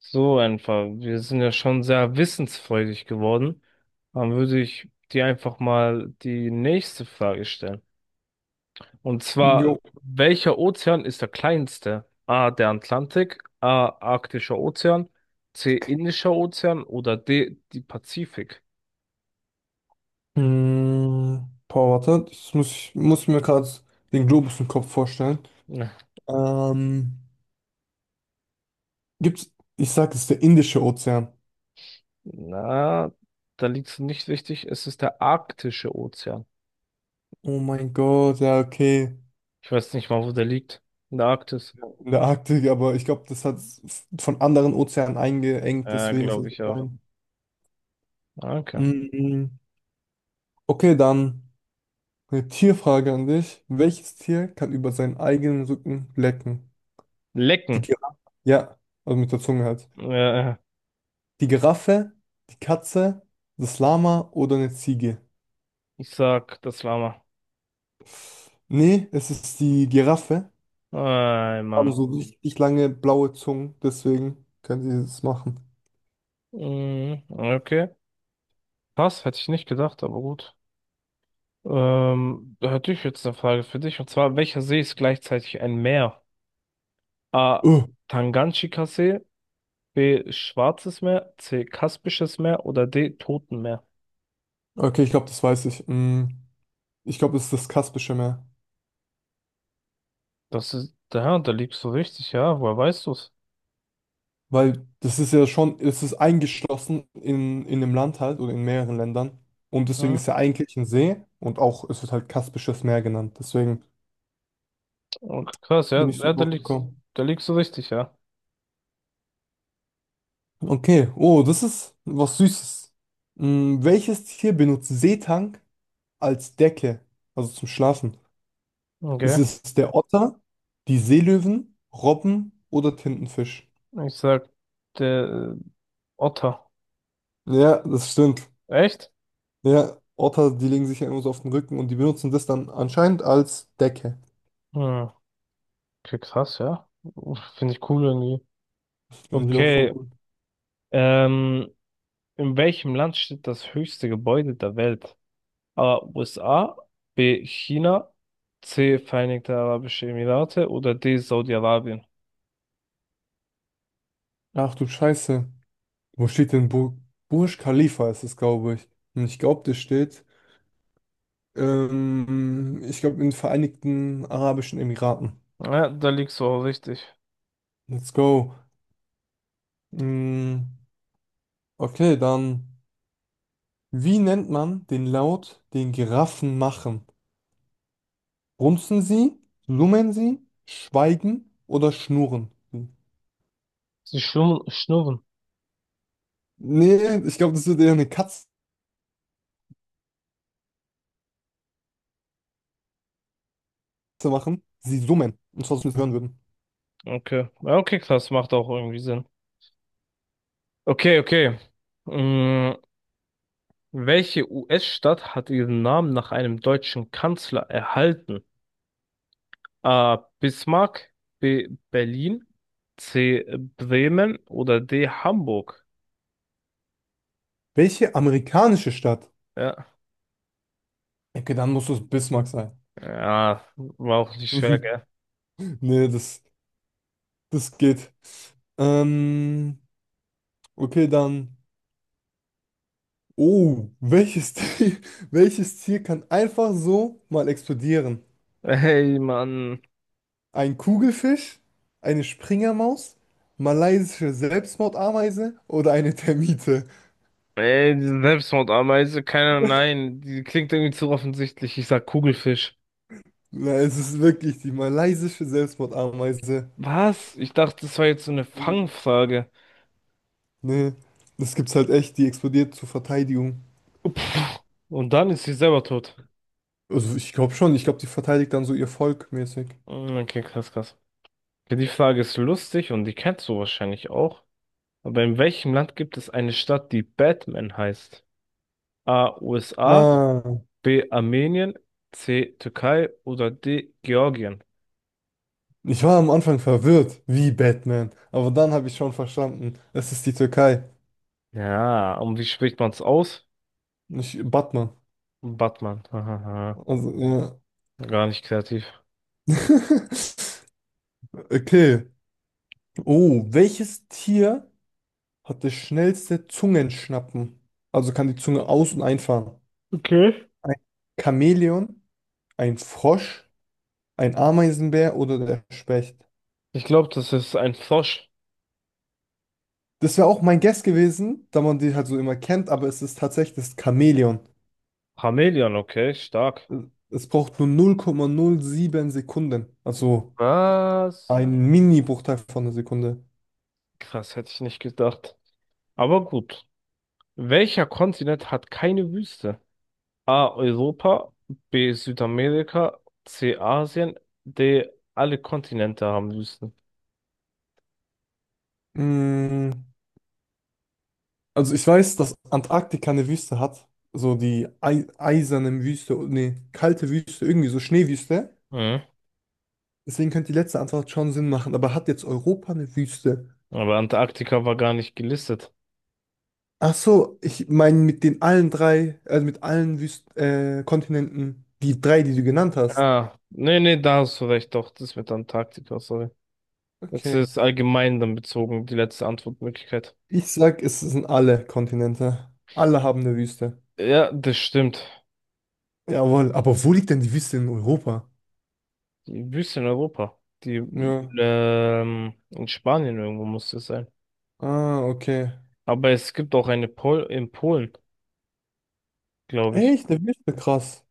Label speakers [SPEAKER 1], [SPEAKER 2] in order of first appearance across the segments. [SPEAKER 1] So einfach. Wir sind ja schon sehr wissensfreudig geworden. Dann würde ich dir einfach mal die nächste Frage stellen. Und zwar,
[SPEAKER 2] Jo.
[SPEAKER 1] welcher Ozean ist der kleinste? A, der Atlantik, A, Arktischer Ozean, C, Indischer Ozean oder D, die Pazifik?
[SPEAKER 2] Boah, warte, das muss mir gerade den Globus im Kopf vorstellen.
[SPEAKER 1] Na,
[SPEAKER 2] Ähm, gibt's, Ich sag, es ist der Indische Ozean.
[SPEAKER 1] na, da liegst du nicht richtig. Es ist der Arktische Ozean.
[SPEAKER 2] Oh mein Gott, ja, okay.
[SPEAKER 1] Ich weiß nicht mal, wo der liegt. In der Arktis.
[SPEAKER 2] Ja. In der Arktik, aber ich glaube, das hat von anderen Ozeanen eingeengt, deswegen ist
[SPEAKER 1] Glaube
[SPEAKER 2] es so
[SPEAKER 1] ich auch.
[SPEAKER 2] klein.
[SPEAKER 1] Danke.
[SPEAKER 2] Mhm. Okay, dann eine Tierfrage an dich. Welches Tier kann über seinen eigenen Rücken lecken? Die
[SPEAKER 1] Lecken.
[SPEAKER 2] Giraffe. Ja, also mit der Zunge halt.
[SPEAKER 1] Äh,
[SPEAKER 2] Die Giraffe, die Katze, das Lama oder eine Ziege?
[SPEAKER 1] Ich sag, das Lama.
[SPEAKER 2] Nee, es ist die Giraffe.
[SPEAKER 1] Ey,
[SPEAKER 2] Haben
[SPEAKER 1] Mann.
[SPEAKER 2] so richtig lange blaue Zungen, deswegen können sie das machen.
[SPEAKER 1] Mhm, okay. Krass, hätte ich nicht gedacht, aber gut. Da hätte ich jetzt eine Frage für dich. Und zwar, welcher See ist gleichzeitig ein Meer? A.
[SPEAKER 2] Uh,
[SPEAKER 1] Tanganjika-See, B. Schwarzes Meer, C. Kaspisches Meer oder D. Totenmeer?
[SPEAKER 2] okay, ich glaube, das weiß ich. Ich glaube, es ist das Kaspische Meer.
[SPEAKER 1] Das ist, ja, da liegst du richtig, ja. Woher weißt du's?
[SPEAKER 2] Weil das ist ja schon, es ist eingeschlossen in dem Land halt oder in mehreren Ländern. Und deswegen
[SPEAKER 1] Mhm.
[SPEAKER 2] ist ja eigentlich ein See und auch, es wird halt Kaspisches Meer genannt. Deswegen
[SPEAKER 1] Okay, krass, ja,
[SPEAKER 2] bin ich so
[SPEAKER 1] ja,
[SPEAKER 2] drauf gekommen.
[SPEAKER 1] da liegst du richtig, ja.
[SPEAKER 2] Okay, oh, das ist was Süßes. Welches Tier benutzt Seetang als Decke, also zum Schlafen? Ist
[SPEAKER 1] Okay.
[SPEAKER 2] es der Otter, die Seelöwen, Robben oder Tintenfisch?
[SPEAKER 1] Ich sag, der Otter.
[SPEAKER 2] Ja, das stimmt.
[SPEAKER 1] Echt?
[SPEAKER 2] Ja, Otter, die legen sich ja immer so auf den Rücken und die benutzen das dann anscheinend als Decke.
[SPEAKER 1] Hm. Okay, krass, ja. Finde ich cool irgendwie.
[SPEAKER 2] Finde ich auch voll
[SPEAKER 1] Okay,
[SPEAKER 2] gut.
[SPEAKER 1] ähm, in welchem Land steht das höchste Gebäude der Welt? A. USA, B. China, C. Vereinigte Arabische Emirate oder D. Saudi-Arabien?
[SPEAKER 2] Ach du Scheiße. Wo steht denn Burj Khalifa ist es, glaube ich. Und ich glaube, das steht, ich glaube, in den Vereinigten Arabischen Emiraten.
[SPEAKER 1] Ja, da liegst du auch richtig.
[SPEAKER 2] Let's go. Mm, Okay, dann, wie nennt man den Laut, den Giraffen machen? Grunzen sie, summen sie, schweigen oder schnurren sie?
[SPEAKER 1] Sie schnurren. Schnurren.
[SPEAKER 2] Nee, ich glaube, das würde eher eine Katze machen. Sie summen, und zwar, dass wir es hören würden.
[SPEAKER 1] Okay. Ja, okay, krass, macht auch irgendwie Sinn. Okay, okay. Mm, welche US-Stadt hat ihren Namen nach einem deutschen Kanzler erhalten? A. Bismarck, B. Berlin, C. Bremen oder D. Hamburg.
[SPEAKER 2] Welche amerikanische Stadt?
[SPEAKER 1] Ja,
[SPEAKER 2] Okay, dann muss es Bismarck sein.
[SPEAKER 1] ja, war auch nicht schwer, gell?
[SPEAKER 2] Nee, das geht. Ähm, okay, dann. Oh, welches Tier, welches Tier kann einfach so mal explodieren?
[SPEAKER 1] Ey, Mann.
[SPEAKER 2] Ein Kugelfisch, eine Springermaus, malaysische Selbstmordameise oder eine Termite?
[SPEAKER 1] Ey, diese Selbstmordameise, keiner, nein, die klingt irgendwie zu offensichtlich. Ich sag Kugelfisch.
[SPEAKER 2] Na, es ist wirklich die malaysische Selbstmordameise.
[SPEAKER 1] Was? Ich dachte, das war jetzt so eine Fangfrage.
[SPEAKER 2] Ne, das gibt's halt echt, die explodiert zur Verteidigung.
[SPEAKER 1] Und dann ist sie selber tot.
[SPEAKER 2] Also ich glaube, die verteidigt dann so ihr Volk mäßig.
[SPEAKER 1] Mm, okay, krass, krass. Okay, die Frage ist lustig und die kennst du wahrscheinlich auch. Aber in welchem Land gibt es eine Stadt, die Batman heißt? A. USA,
[SPEAKER 2] Ah.
[SPEAKER 1] B. Armenien, C. Türkei oder D. Georgien.
[SPEAKER 2] Ich war am Anfang verwirrt, wie Batman. Aber dann habe ich schon verstanden, es ist die Türkei,
[SPEAKER 1] Ja, und wie spricht man es aus?
[SPEAKER 2] nicht Batman.
[SPEAKER 1] Batman. Hahaha.
[SPEAKER 2] Also, ja.
[SPEAKER 1] Gar nicht kreativ.
[SPEAKER 2] Okay. Oh, welches Tier hat das schnellste Zungenschnappen. Also kann die Zunge aus- und einfahren.
[SPEAKER 1] Okay.
[SPEAKER 2] Ein Chamäleon, ein Frosch, ein Ameisenbär oder der Specht.
[SPEAKER 1] Ich glaube, das ist ein Frosch.
[SPEAKER 2] Das wäre auch mein Guess gewesen, da man die halt so immer kennt, aber es ist tatsächlich das Chamäleon.
[SPEAKER 1] Chamäleon, okay, stark.
[SPEAKER 2] Es braucht nur 0,07 Sekunden. Also
[SPEAKER 1] Was?
[SPEAKER 2] ein Mini-Bruchteil von einer Sekunde.
[SPEAKER 1] Krass, hätte ich nicht gedacht. Aber gut. Welcher Kontinent hat keine Wüste? A. Europa, B. Südamerika, C. Asien, D. Alle Kontinente haben Wüsten.
[SPEAKER 2] Mm, Also ich weiß, dass Antarktika eine Wüste hat. So die ei eiserne Wüste, nee, kalte Wüste, irgendwie so Schneewüste.
[SPEAKER 1] Mhm.
[SPEAKER 2] Deswegen könnte die letzte Antwort schon Sinn machen, aber hat jetzt Europa eine Wüste?
[SPEAKER 1] Aber Antarktika war gar nicht gelistet.
[SPEAKER 2] Ach so, ich meine mit den allen drei, also mit allen Wüsten, Kontinenten, die drei, die du genannt hast.
[SPEAKER 1] Ah, nee, da hast du recht, doch, das mit Antarktika, sorry. Jetzt
[SPEAKER 2] Okay.
[SPEAKER 1] ist allgemein dann bezogen, die letzte Antwortmöglichkeit.
[SPEAKER 2] Ich sag, es sind alle Kontinente. Alle haben eine Wüste.
[SPEAKER 1] Ja, das stimmt.
[SPEAKER 2] Jawohl, aber wo liegt denn die Wüste in Europa?
[SPEAKER 1] Die Wüste in Europa, die
[SPEAKER 2] Ja.
[SPEAKER 1] in Spanien irgendwo muss das sein.
[SPEAKER 2] Ah, okay.
[SPEAKER 1] Aber es gibt auch eine Pol in Polen, glaube ich.
[SPEAKER 2] Echt, eine Wüste, krass.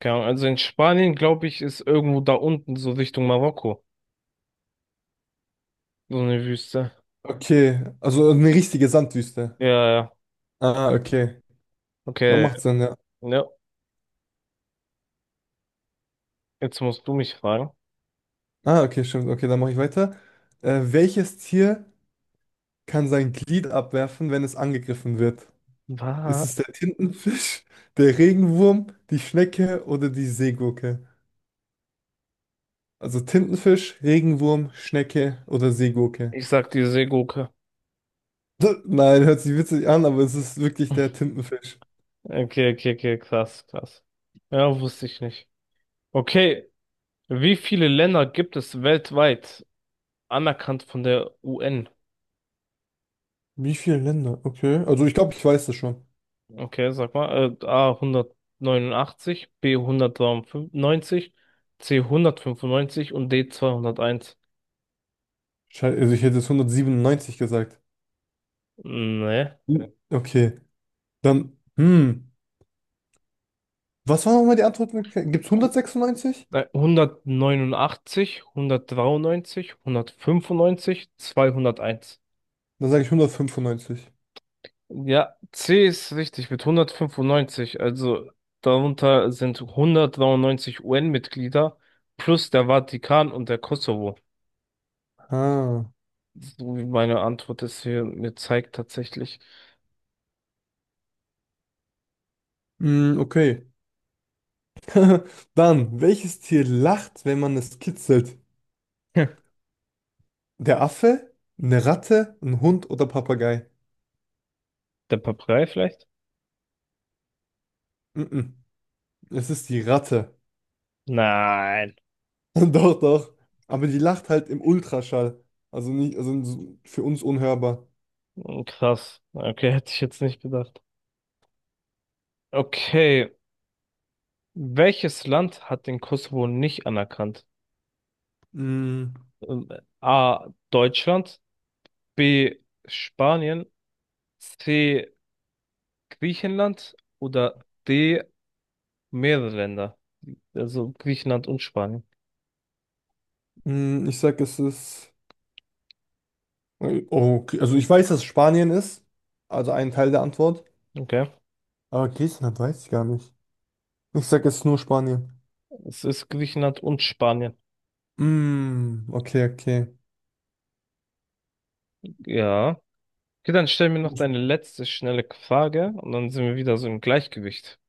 [SPEAKER 1] Keine Ahnung, also in Spanien, glaube ich, ist irgendwo da unten, so Richtung Marokko, so eine Wüste.
[SPEAKER 2] Okay, also eine richtige Sandwüste.
[SPEAKER 1] Ja, ja,
[SPEAKER 2] Ah, okay. Dann
[SPEAKER 1] okay,
[SPEAKER 2] macht Sinn, ja.
[SPEAKER 1] ja, Jetzt musst du mich fragen.
[SPEAKER 2] Ah, okay, stimmt. Okay, dann mache ich weiter. Welches Tier kann sein Glied abwerfen, wenn es angegriffen wird? Ist es
[SPEAKER 1] Was?
[SPEAKER 2] der Tintenfisch, der Regenwurm, die Schnecke oder die Seegurke? Also Tintenfisch, Regenwurm, Schnecke oder Seegurke?
[SPEAKER 1] Ich sag die Seegurke.
[SPEAKER 2] Nein, hört sich witzig an, aber es ist wirklich der Tintenfisch.
[SPEAKER 1] Okay, okay, okay, krass, krass. Ja, wusste ich nicht. Okay, wie viele Länder gibt es weltweit anerkannt von der UN?
[SPEAKER 2] Wie viele Länder? Okay. Also ich glaube, ich weiß das schon.
[SPEAKER 1] Okay, sag mal, A 189, B 193, C 195 und D 201.
[SPEAKER 2] Also ich hätte jetzt 197 gesagt.
[SPEAKER 1] Nee.
[SPEAKER 2] Ja. Okay. Dann, hm. Was war nochmal die Antwort? Gibt es
[SPEAKER 1] Hu-
[SPEAKER 2] 196?
[SPEAKER 1] 189, 193, 195, 201.
[SPEAKER 2] Dann sage ich 195.
[SPEAKER 1] Ja, C ist richtig mit 195. Also darunter sind 193 UN-Mitglieder plus der Vatikan und der Kosovo.
[SPEAKER 2] Ah.
[SPEAKER 1] So wie meine Antwort es hier mir zeigt tatsächlich.
[SPEAKER 2] Hm, okay. Dann, welches Tier lacht, wenn man es kitzelt?
[SPEAKER 1] Hm.
[SPEAKER 2] Der Affe, eine Ratte, ein Hund oder Papagei?
[SPEAKER 1] Der Papagei vielleicht?
[SPEAKER 2] Mm-mm. Es ist die Ratte.
[SPEAKER 1] Nein.
[SPEAKER 2] Doch, doch. Aber die lacht halt im Ultraschall. Also nicht, also so- für uns unhörbar.
[SPEAKER 1] Krass. Okay, hätte ich jetzt nicht gedacht. Okay. Welches Land hat den Kosovo nicht anerkannt?
[SPEAKER 2] Mm,
[SPEAKER 1] Ähm, A. Deutschland, B. Spanien, C. Griechenland oder D. Mehrere Länder. Also Griechenland und Spanien.
[SPEAKER 2] Ich sag, es ist. Okay. Also ich weiß, dass es Spanien ist. Also ein Teil der Antwort.
[SPEAKER 1] Okay.
[SPEAKER 2] Aber Griechenland weiß ich gar nicht. Ich sag, es ist nur Spanien.
[SPEAKER 1] Es ist Griechenland und Spanien.
[SPEAKER 2] Mm, okay, okay.
[SPEAKER 1] Ja. Okay, dann stell mir noch deine letzte schnelle Frage und dann sind wir wieder so im Gleichgewicht.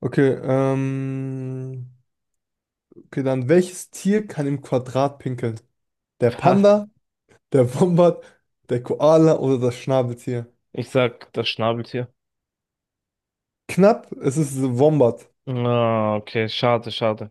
[SPEAKER 2] Okay, ähm. Okay, dann welches Tier kann im Quadrat pinkeln? Der
[SPEAKER 1] Was?
[SPEAKER 2] Panda, der Wombat, der Koala oder das Schnabeltier?
[SPEAKER 1] Ich sag das Schnabeltier.
[SPEAKER 2] Knapp, es ist Wombat.
[SPEAKER 1] Ah, okay, schade, schade.